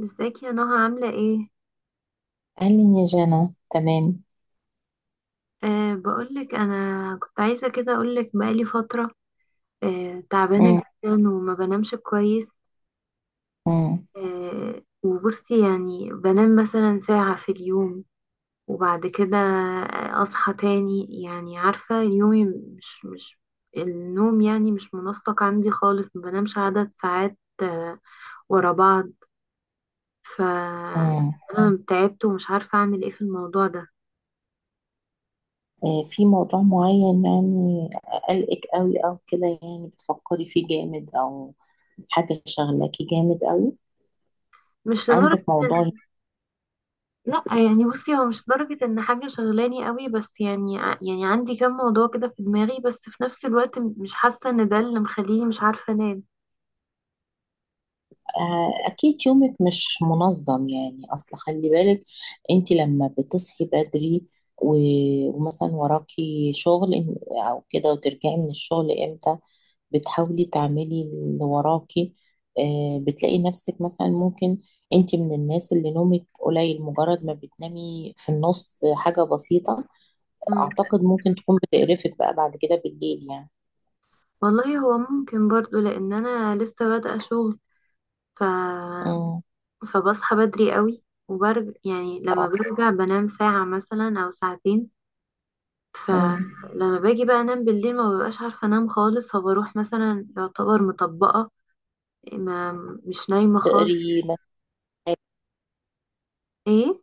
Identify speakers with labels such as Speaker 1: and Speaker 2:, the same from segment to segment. Speaker 1: ازيك يا نهى عاملة ايه؟
Speaker 2: قال لي يا جنى تمام.
Speaker 1: بقولك انا كنت عايزة كده اقولك بقالي فترة. تعبانة
Speaker 2: مم.
Speaker 1: جدا وما بنامش كويس.
Speaker 2: مم.
Speaker 1: وبصي يعني بنام مثلا ساعة في اليوم، وبعد كده اصحى تاني، يعني عارفة يومي مش النوم يعني مش منسق عندي خالص، ما بنامش عدد ساعات ورا بعض. ف
Speaker 2: مم.
Speaker 1: انا تعبت ومش عارفة اعمل ايه في الموضوع ده.
Speaker 2: إيه في موضوع معين يعني؟ قلقك قوي او كده؟ يعني بتفكري فيه جامد، او حاجة شغلاكي جامد قوي؟
Speaker 1: مش لدرجة.
Speaker 2: عندك موضوع؟
Speaker 1: لا يعني بصي، هو مش درجة ان حاجة شغلاني قوي، بس يعني يعني عندي كم موضوع كده في دماغي، بس في نفس الوقت مش حاسة ان ده اللي مخليني مش عارفة انام.
Speaker 2: اكيد يومك مش منظم يعني، اصل خلي بالك. انت لما بتصحي بدري، و- ومثلا وراكي شغل او كده، وترجعي من الشغل امتى؟ بتحاولي تعملي اللي وراكي؟ بتلاقي نفسك مثلا ممكن انت من الناس اللي نومك قليل؟ مجرد ما بتنامي في النص حاجة بسيطة،
Speaker 1: مم.
Speaker 2: اعتقد ممكن تكون بتقرفك بقى بعد كده بالليل يعني.
Speaker 1: والله هو ممكن برضو لان انا لسه بادئة شغل. ف...
Speaker 2: امم.
Speaker 1: فبصحى بدري قوي، وبرجع يعني، لما
Speaker 2: اه.
Speaker 1: برجع بنام ساعة مثلا او ساعتين.
Speaker 2: امم.
Speaker 1: فلما باجي بقى انام بالليل ما ببقاش عارفة انام خالص، فبروح مثلا يعتبر مطبقة، ما مش نايمة خالص.
Speaker 2: تقري مثلا.
Speaker 1: ايه.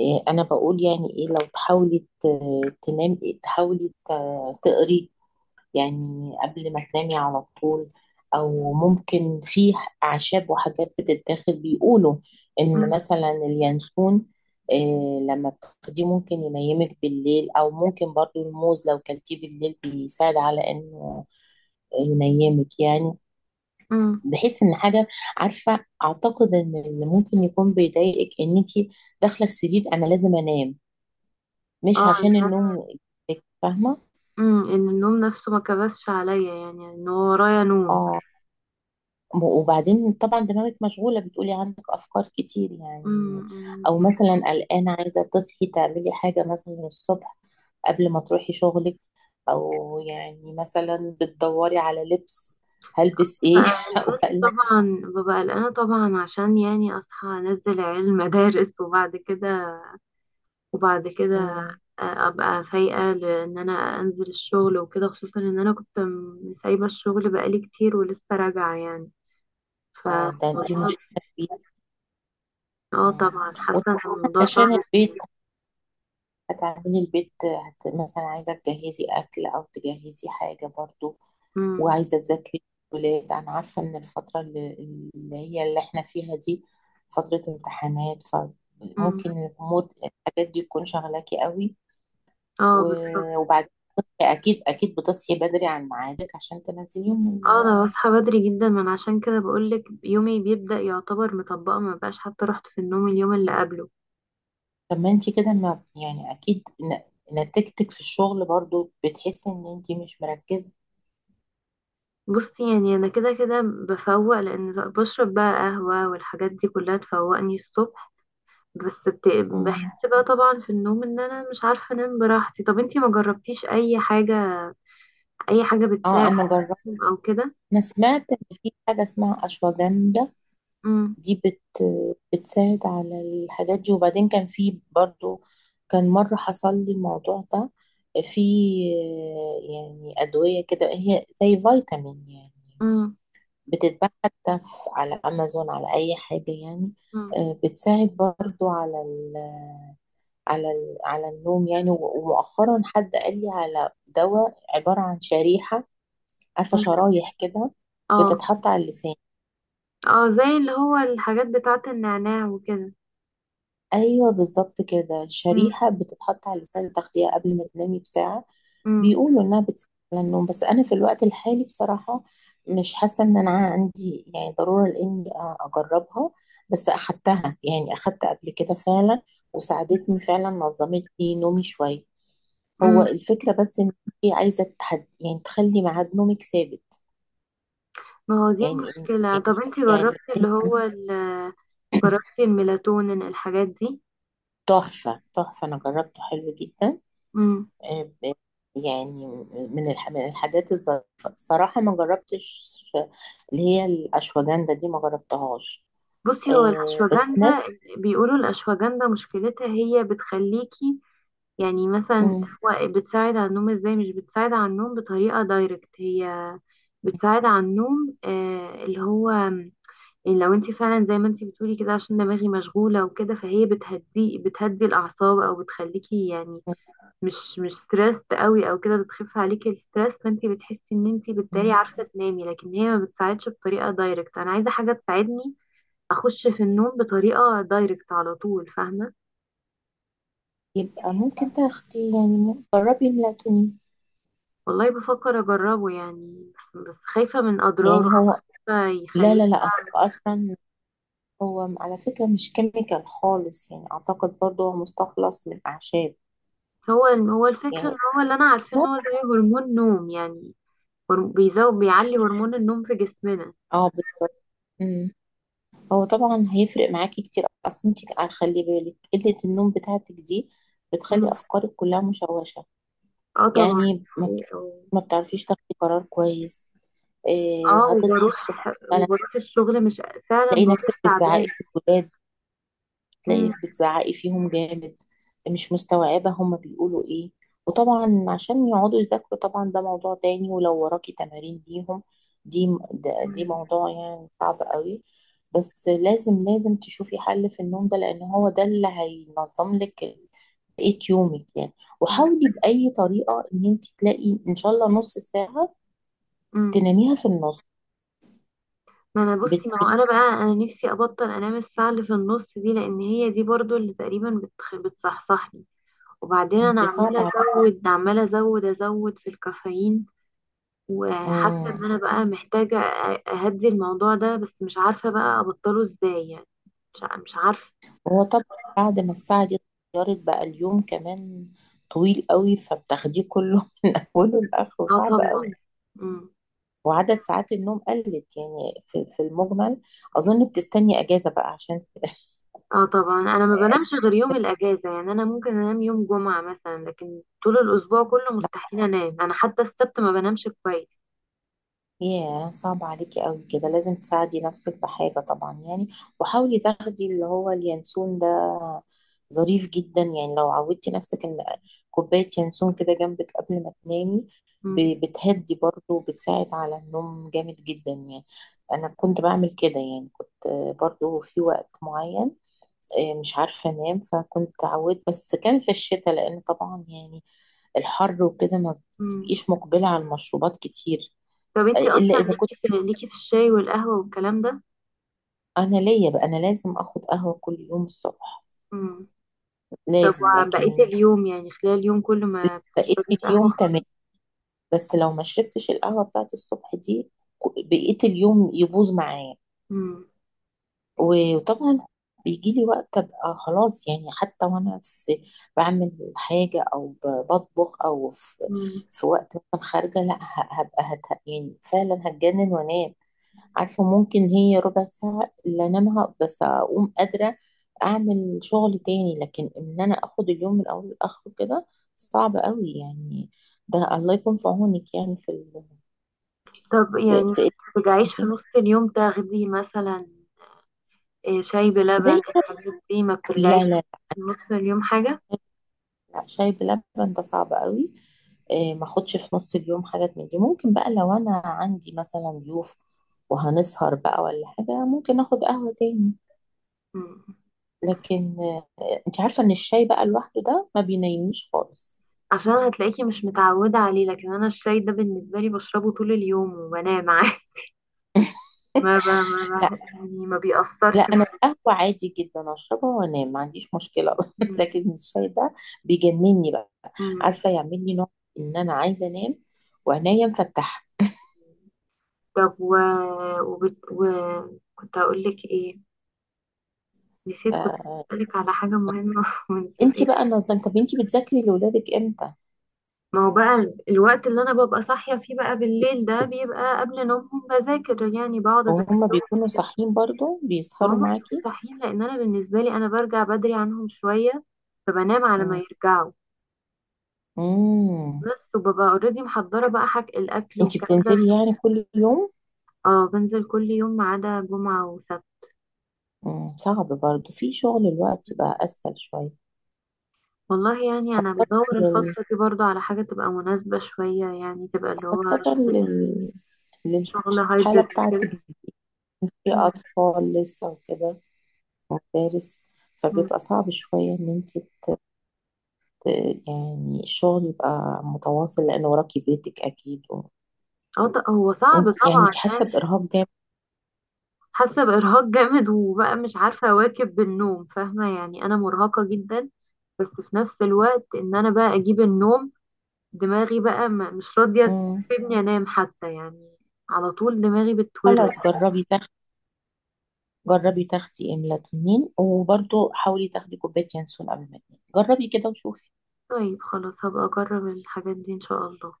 Speaker 2: انا بقول يعني ايه، لو تحاولي تنامي، تحاولي تقري يعني قبل ما تنامي على طول. او ممكن في اعشاب وحاجات بتتاخد، بيقولوا ان
Speaker 1: مم.
Speaker 2: مثلا اليانسون، لما بتاخديه ممكن ينيمك بالليل. او ممكن برضو الموز لو كلتيه بالليل بيساعد على انه ينيمك يعني.
Speaker 1: مم.
Speaker 2: بحيث ان حاجه، عارفه، اعتقد ان اللي ممكن يكون بيضايقك ان انت داخله السرير انا لازم انام، مش
Speaker 1: اه.
Speaker 2: عشان النوم، فاهمه؟
Speaker 1: ان النوم نفسه ما كبسش عليا، يعني ان هو ورايا نوم.
Speaker 2: اه. وبعدين طبعا دماغك مشغولة، بتقولي عندك أفكار كتير يعني.
Speaker 1: امم، دي
Speaker 2: أو
Speaker 1: حاجة.
Speaker 2: مثلا قلقانة عايزة تصحي تعملي حاجة مثلا الصبح قبل ما تروحي شغلك. أو يعني مثلا بتدوري على لبس هلبس
Speaker 1: ببقى
Speaker 2: إيه أو
Speaker 1: قلقانة
Speaker 2: قلق.
Speaker 1: طبعا، ببقى قلقانة طبعا عشان يعني اصحى انزل عيال المدارس وبعد كده
Speaker 2: مم.
Speaker 1: ابقى فايقة، لان انا انزل الشغل وكده، خصوصا ان انا كنت سايبة الشغل بقالي كتير ولسه راجعة يعني. ف
Speaker 2: اه، ده دي مشكلة كبيرة.
Speaker 1: اه
Speaker 2: مم.
Speaker 1: طبعا،
Speaker 2: وطبعاً
Speaker 1: حاسة ان الموضوع
Speaker 2: علشان
Speaker 1: صعب.
Speaker 2: البيت، هتعملي البيت، مثلا عايزة تجهزي أكل أو تجهزي حاجة برضو،
Speaker 1: امم.
Speaker 2: وعايزة أذاكر الولاد. أنا عارفة إن الفترة اللي هي اللي إحنا فيها دي فترة امتحانات،
Speaker 1: امم.
Speaker 2: فممكن الأمور، الحاجات دي، تكون شغلاكي قوي.
Speaker 1: اه بالظبط.
Speaker 2: و- وبعدين أكيد أكيد بتصحي بدري عن ميعادك عشان تنزليهم
Speaker 1: اه انا بصحى بدري جدا، من عشان كده بقولك يومي بيبدأ يعتبر مطبقه، ما بقاش حتى رحت في النوم اليوم اللي قبله.
Speaker 2: طب ما أنت كده، ما يعني أكيد نتيجتك في الشغل برضو بتحسي إن أنت مش مركزة.
Speaker 1: بصي يعني انا كده كده بفوق، لان بشرب بقى قهوة والحاجات دي كلها تفوقني الصبح. بس بت...
Speaker 2: مم.
Speaker 1: بحس بقى طبعا في النوم ان انا مش عارفة انام براحتي. طب انتي ما جربتيش اي حاجة، اي حاجة
Speaker 2: أه،
Speaker 1: بتساعد
Speaker 2: أنا جربت.
Speaker 1: او كده؟
Speaker 2: أنا سمعت إن في حاجة اسمها أشواجندا،
Speaker 1: امم.
Speaker 2: دي بتساعد على الحاجات دي. وبعدين كان في برضو، كان مرة حصل لي الموضوع ده، في، يعني أدوية كده، هي زي فيتامين يعني،
Speaker 1: امم.
Speaker 2: بتتباع حتى على أمازون، على أي حاجة يعني.
Speaker 1: امم.
Speaker 2: بتساعد برضو على النوم يعني. و- ومؤخرا حد قال لي على دواء عبارة عن شريحة، عارفة
Speaker 1: أمم.
Speaker 2: شرايح كده،
Speaker 1: اه.
Speaker 2: بتتحط على اللسان.
Speaker 1: اه زي اللي هو الحاجات بتاعة النعناع وكده.
Speaker 2: ايوه بالظبط كده،
Speaker 1: امم.
Speaker 2: الشريحه بتتحط على لسان التغذيه قبل ما تنامي بساعه، بيقولوا انها بتساعد على النوم. بس انا في الوقت الحالي بصراحه مش حاسه ان انا عندي يعني ضروره لاني اجربها. بس اخدتها يعني، اخدت قبل كده فعلا، وساعدتني فعلا، نظمت لي نومي شويه. هو
Speaker 1: امم.
Speaker 2: الفكره بس ان انت عايزه تحد يعني تخلي ميعاد نومك ثابت.
Speaker 1: ما هو دي
Speaker 2: يعني إن-
Speaker 1: المشكلة.
Speaker 2: يعني
Speaker 1: طب انتي
Speaker 2: يعني
Speaker 1: جربتي اللي هو جربتي الميلاتونين الحاجات دي؟
Speaker 2: تحفه تحفه، انا جربته حلو جدا.
Speaker 1: مم.
Speaker 2: آه، آه، يعني من الحاجات الظريفة الصراحة، ما جربتش اللي هي الأشواجندا دي، ما جربتهاش.
Speaker 1: بصي، هو
Speaker 2: بس ناس.
Speaker 1: الأشواجندا، بيقولوا الأشواجندا مشكلتها هي بتخليكي يعني مثلا،
Speaker 2: مم.
Speaker 1: هو بتساعد على النوم ازاي؟ مش بتساعد على النوم بطريقة دايركت، هي بتساعد على النوم اللي هو يعني، لو انتي فعلا زي ما انتي بتقولي كده عشان دماغي مشغولة وكده، فهي بتهدي الأعصاب، أو بتخليكي يعني مش ستريسد قوي او كده، بتخف عليكي الستريس، فانت بتحسي ان انت بالتالي
Speaker 2: مم.
Speaker 1: عارفه تنامي، لكن هي ما بتساعدش بطريقه دايركت. انا عايزه حاجه تساعدني اخش في النوم بطريقه دايركت على طول، فاهمه.
Speaker 2: يبقى ممكن تاخدي يعني، جربي ميلاتونين.
Speaker 1: والله بفكر اجربه يعني، بس خايفه من اضراره،
Speaker 2: يعني هو،
Speaker 1: خايفه
Speaker 2: لا لا
Speaker 1: يخليني.
Speaker 2: لا، هو أصلا، هو على فكرة مش كيميكال خالص يعني. أعتقد برضو هو مستخلص من أعشاب
Speaker 1: هو الفكره، ان
Speaker 2: يعني.
Speaker 1: هو اللي انا عارفه ان هو زي هرمون نوم يعني، بيزود بيعلي هرمون النوم في جسمنا.
Speaker 2: اه بالظبط. هو طبعا هيفرق معاكي كتير. اصلا انت خلي بالك قلة النوم بتاعتك دي بتخلي
Speaker 1: مم.
Speaker 2: افكارك كلها مشوشة
Speaker 1: اه طبعا.
Speaker 2: يعني. ما بتعرفيش تاخدي قرار كويس. إيه
Speaker 1: اه
Speaker 2: هتصحي الصبح
Speaker 1: وبروح
Speaker 2: فعلا،
Speaker 1: وبروح الشغل مش، فعلا
Speaker 2: تلاقي نفسك
Speaker 1: بروح تعبان.
Speaker 2: بتزعقي في الولاد، تلاقي بتزعقي فيهم جامد، مش مستوعبة هما بيقولوا ايه. وطبعا عشان يقعدوا يذاكروا طبعا، ده موضوع تاني. ولو وراكي تمارين ليهم دي، دي
Speaker 1: مم.
Speaker 2: موضوع يعني صعب قوي. بس لازم لازم تشوفي حل في النوم ده، لان هو ده اللي هينظم لك بقية يومك يعني.
Speaker 1: مم.
Speaker 2: وحاولي بأي طريقة ان انت تلاقي ان شاء الله نص ساعة
Speaker 1: مم.
Speaker 2: تناميها في النص.
Speaker 1: ما انا
Speaker 2: بت
Speaker 1: بصي، ما هو
Speaker 2: بت
Speaker 1: انا بقى، انا نفسي ابطل انام الساعه اللي في النص دي، لان هي دي برضو اللي تقريبا بتصحصحني. وبعدين انا
Speaker 2: انت
Speaker 1: عماله
Speaker 2: صعب
Speaker 1: ازود، عماله ازود ازود في الكافيين، وحاسه ان انا
Speaker 2: عليكي.
Speaker 1: بقى محتاجه اهدي الموضوع ده، بس مش عارفه بقى ابطله ازاي يعني. مش عارفه.
Speaker 2: هو طبعا بعد ما الساعة دي اتغيرت بقى، اليوم كمان طويل قوي، فبتاخديه كله اوله لاخره
Speaker 1: اه
Speaker 2: صعب قوي.
Speaker 1: طبعا. مم.
Speaker 2: وعدد ساعات النوم قلت يعني في المجمل. اظن بتستني اجازة بقى عشان.
Speaker 1: اه طبعا انا ما بنامش غير يوم الاجازه، يعني انا ممكن انام يوم جمعه مثلا، لكن طول الاسبوع كله مستحيل انام، انا حتى السبت ما بنامش كويس.
Speaker 2: ياه صعب عليكي قوي كده، لازم تساعدي نفسك بحاجة طبعا يعني. وحاولي تاخدي اللي هو اليانسون ده، ظريف جدا يعني. لو عودتي نفسك ان كوباية ينسون كده جنبك قبل ما تنامي،
Speaker 1: مم.
Speaker 2: بتهدي برضه وبتساعد على النوم جامد جدا يعني. انا كنت بعمل كده يعني، كنت برضه في وقت معين، مش عارفة انام، فكنت عودت، بس كان في الشتاء لان طبعا يعني، الحر وكده ما
Speaker 1: مم.
Speaker 2: بتبقيش مقبلة على المشروبات كتير.
Speaker 1: طب انتي
Speaker 2: الا
Speaker 1: اصلا
Speaker 2: اذا كنت،
Speaker 1: ليكي في الشاي والقهوة والكلام ده؟
Speaker 2: انا ليا بقى، انا لازم اخد قهوه كل يوم الصبح
Speaker 1: مم. طب
Speaker 2: لازم.
Speaker 1: وبقية
Speaker 2: لكن
Speaker 1: اليوم يعني، خلال اليوم كل ما
Speaker 2: بقيت
Speaker 1: بتشربي
Speaker 2: اليوم
Speaker 1: قهوة؟
Speaker 2: تمام. بس لو ما شربتش القهوه بتاعت الصبح دي بقيت اليوم يبوظ معايا.
Speaker 1: مم.
Speaker 2: و- وطبعا بيجي لي وقت ابقى خلاص يعني، حتى وانا في بعمل حاجه او بطبخ، او في
Speaker 1: مم.
Speaker 2: في وقت مثلا خارجه، لا هبقى يعني فعلا هتجنن وانام. عارفة ممكن هي ربع ساعة اللي انامها، بس اقوم قادرة اعمل شغل تاني. لكن ان انا اخد اليوم من اوله لاخره كده صعب قوي يعني. ده الله يكون في عونك يعني
Speaker 1: طب
Speaker 2: في
Speaker 1: يعني ما
Speaker 2: في
Speaker 1: بترجعيش في نص
Speaker 2: إيه؟
Speaker 1: اليوم تاخدي مثلا، إيه، شاي بلبن
Speaker 2: زي،
Speaker 1: الحاجات دي؟ ما
Speaker 2: لا
Speaker 1: بترجعيش
Speaker 2: لا
Speaker 1: في نص اليوم حاجة؟
Speaker 2: لا، شاي بلبن ده صعب قوي. إيه، ما اخدش في نص اليوم حاجات من دي. ممكن بقى لو انا عندي مثلا ضيوف وهنسهر بقى ولا حاجة، ممكن اخد قهوة تاني.
Speaker 1: مم.
Speaker 2: لكن انت عارفة ان الشاي بقى لوحده ده ما بينيمنيش خالص.
Speaker 1: عشان هتلاقيكي مش متعودة عليه، لكن أنا الشاي ده بالنسبة لي بشربه طول اليوم وبنام عادي. ما ب... ما
Speaker 2: لا
Speaker 1: ب... يعني ما
Speaker 2: لا،
Speaker 1: بيأثرش
Speaker 2: انا
Speaker 1: معايا.
Speaker 2: القهوه عادي جدا اشربها وانام، ما عنديش مشكله.
Speaker 1: مم.
Speaker 2: لكن الشاي ده بيجنني بقى،
Speaker 1: مم.
Speaker 2: عارفه يعمل لي نوع ان انا عايزه انام وعينيا مفتحه.
Speaker 1: طب و... وبت... و... كنت هقول لك ايه، نسيت، كنت
Speaker 2: فانت
Speaker 1: هسألك على حاجة مهمة ونسيت ايه.
Speaker 2: بقى نظمت؟ طب انت بتذاكري لاولادك امتى؟
Speaker 1: ما هو بقى الوقت اللي انا ببقى صاحية فيه بقى بالليل ده، بيبقى قبل نومهم، بذاكر يعني، بقعد اذاكر
Speaker 2: وهم
Speaker 1: لهم
Speaker 2: بيكونوا
Speaker 1: كده.
Speaker 2: صاحيين برضو،
Speaker 1: فهم
Speaker 2: بيسهروا
Speaker 1: بيبقوا
Speaker 2: معاكي؟
Speaker 1: صاحيين، لان انا بالنسبة لي انا برجع بدري عنهم شوية، فبنام على ما يرجعوا،
Speaker 2: امم.
Speaker 1: بس وببقى اوريدي محضرة بقى حاجة، الاكل
Speaker 2: انت
Speaker 1: والكلام ده.
Speaker 2: بتنزلي يعني كل يوم؟
Speaker 1: اه بنزل كل يوم ما عدا جمعة وسبت.
Speaker 2: مم. صعب برضو في شغل الوقت بقى اسهل شويه.
Speaker 1: والله يعني انا
Speaker 2: خاصه
Speaker 1: بدور
Speaker 2: لل...
Speaker 1: الفتره دي برضو على حاجه تبقى مناسبه شويه يعني، تبقى اللي هو
Speaker 2: خاصه
Speaker 1: شغل، شغل
Speaker 2: للحاله
Speaker 1: هايبريد وكده.
Speaker 2: بتاعتك، في
Speaker 1: مم.
Speaker 2: أطفال لسه وكده، مدارس،
Speaker 1: مم.
Speaker 2: فبيبقى صعب شوية إن أنت ت- يعني الشغل يبقى متواصل لأن وراكي بيتك أكيد.
Speaker 1: اه هو صعب
Speaker 2: وأنت يعني،
Speaker 1: طبعا
Speaker 2: أنت حاسة
Speaker 1: يعني.
Speaker 2: بإرهاق جامد.
Speaker 1: حاسه بارهاق جامد، وبقى مش عارفه اواكب بالنوم، فاهمه يعني انا مرهقه جدا. بس في نفس الوقت ان انا بقى اجيب النوم، دماغي بقى مش راضيه
Speaker 2: مم.
Speaker 1: تسيبني انام حتى يعني، على طول دماغي بتورق.
Speaker 2: خلاص جربي تاخدي، إملاتونين، وبرضه حاولي تاخدي كوباية ينسون قبل ما تنامي، جربي كده وشوفي.
Speaker 1: طيب خلاص، هبقى اجرب الحاجات دي ان شاء الله.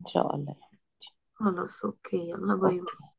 Speaker 2: إن شاء الله يعني.
Speaker 1: خلاص، اوكي، يلا باي.
Speaker 2: أوكي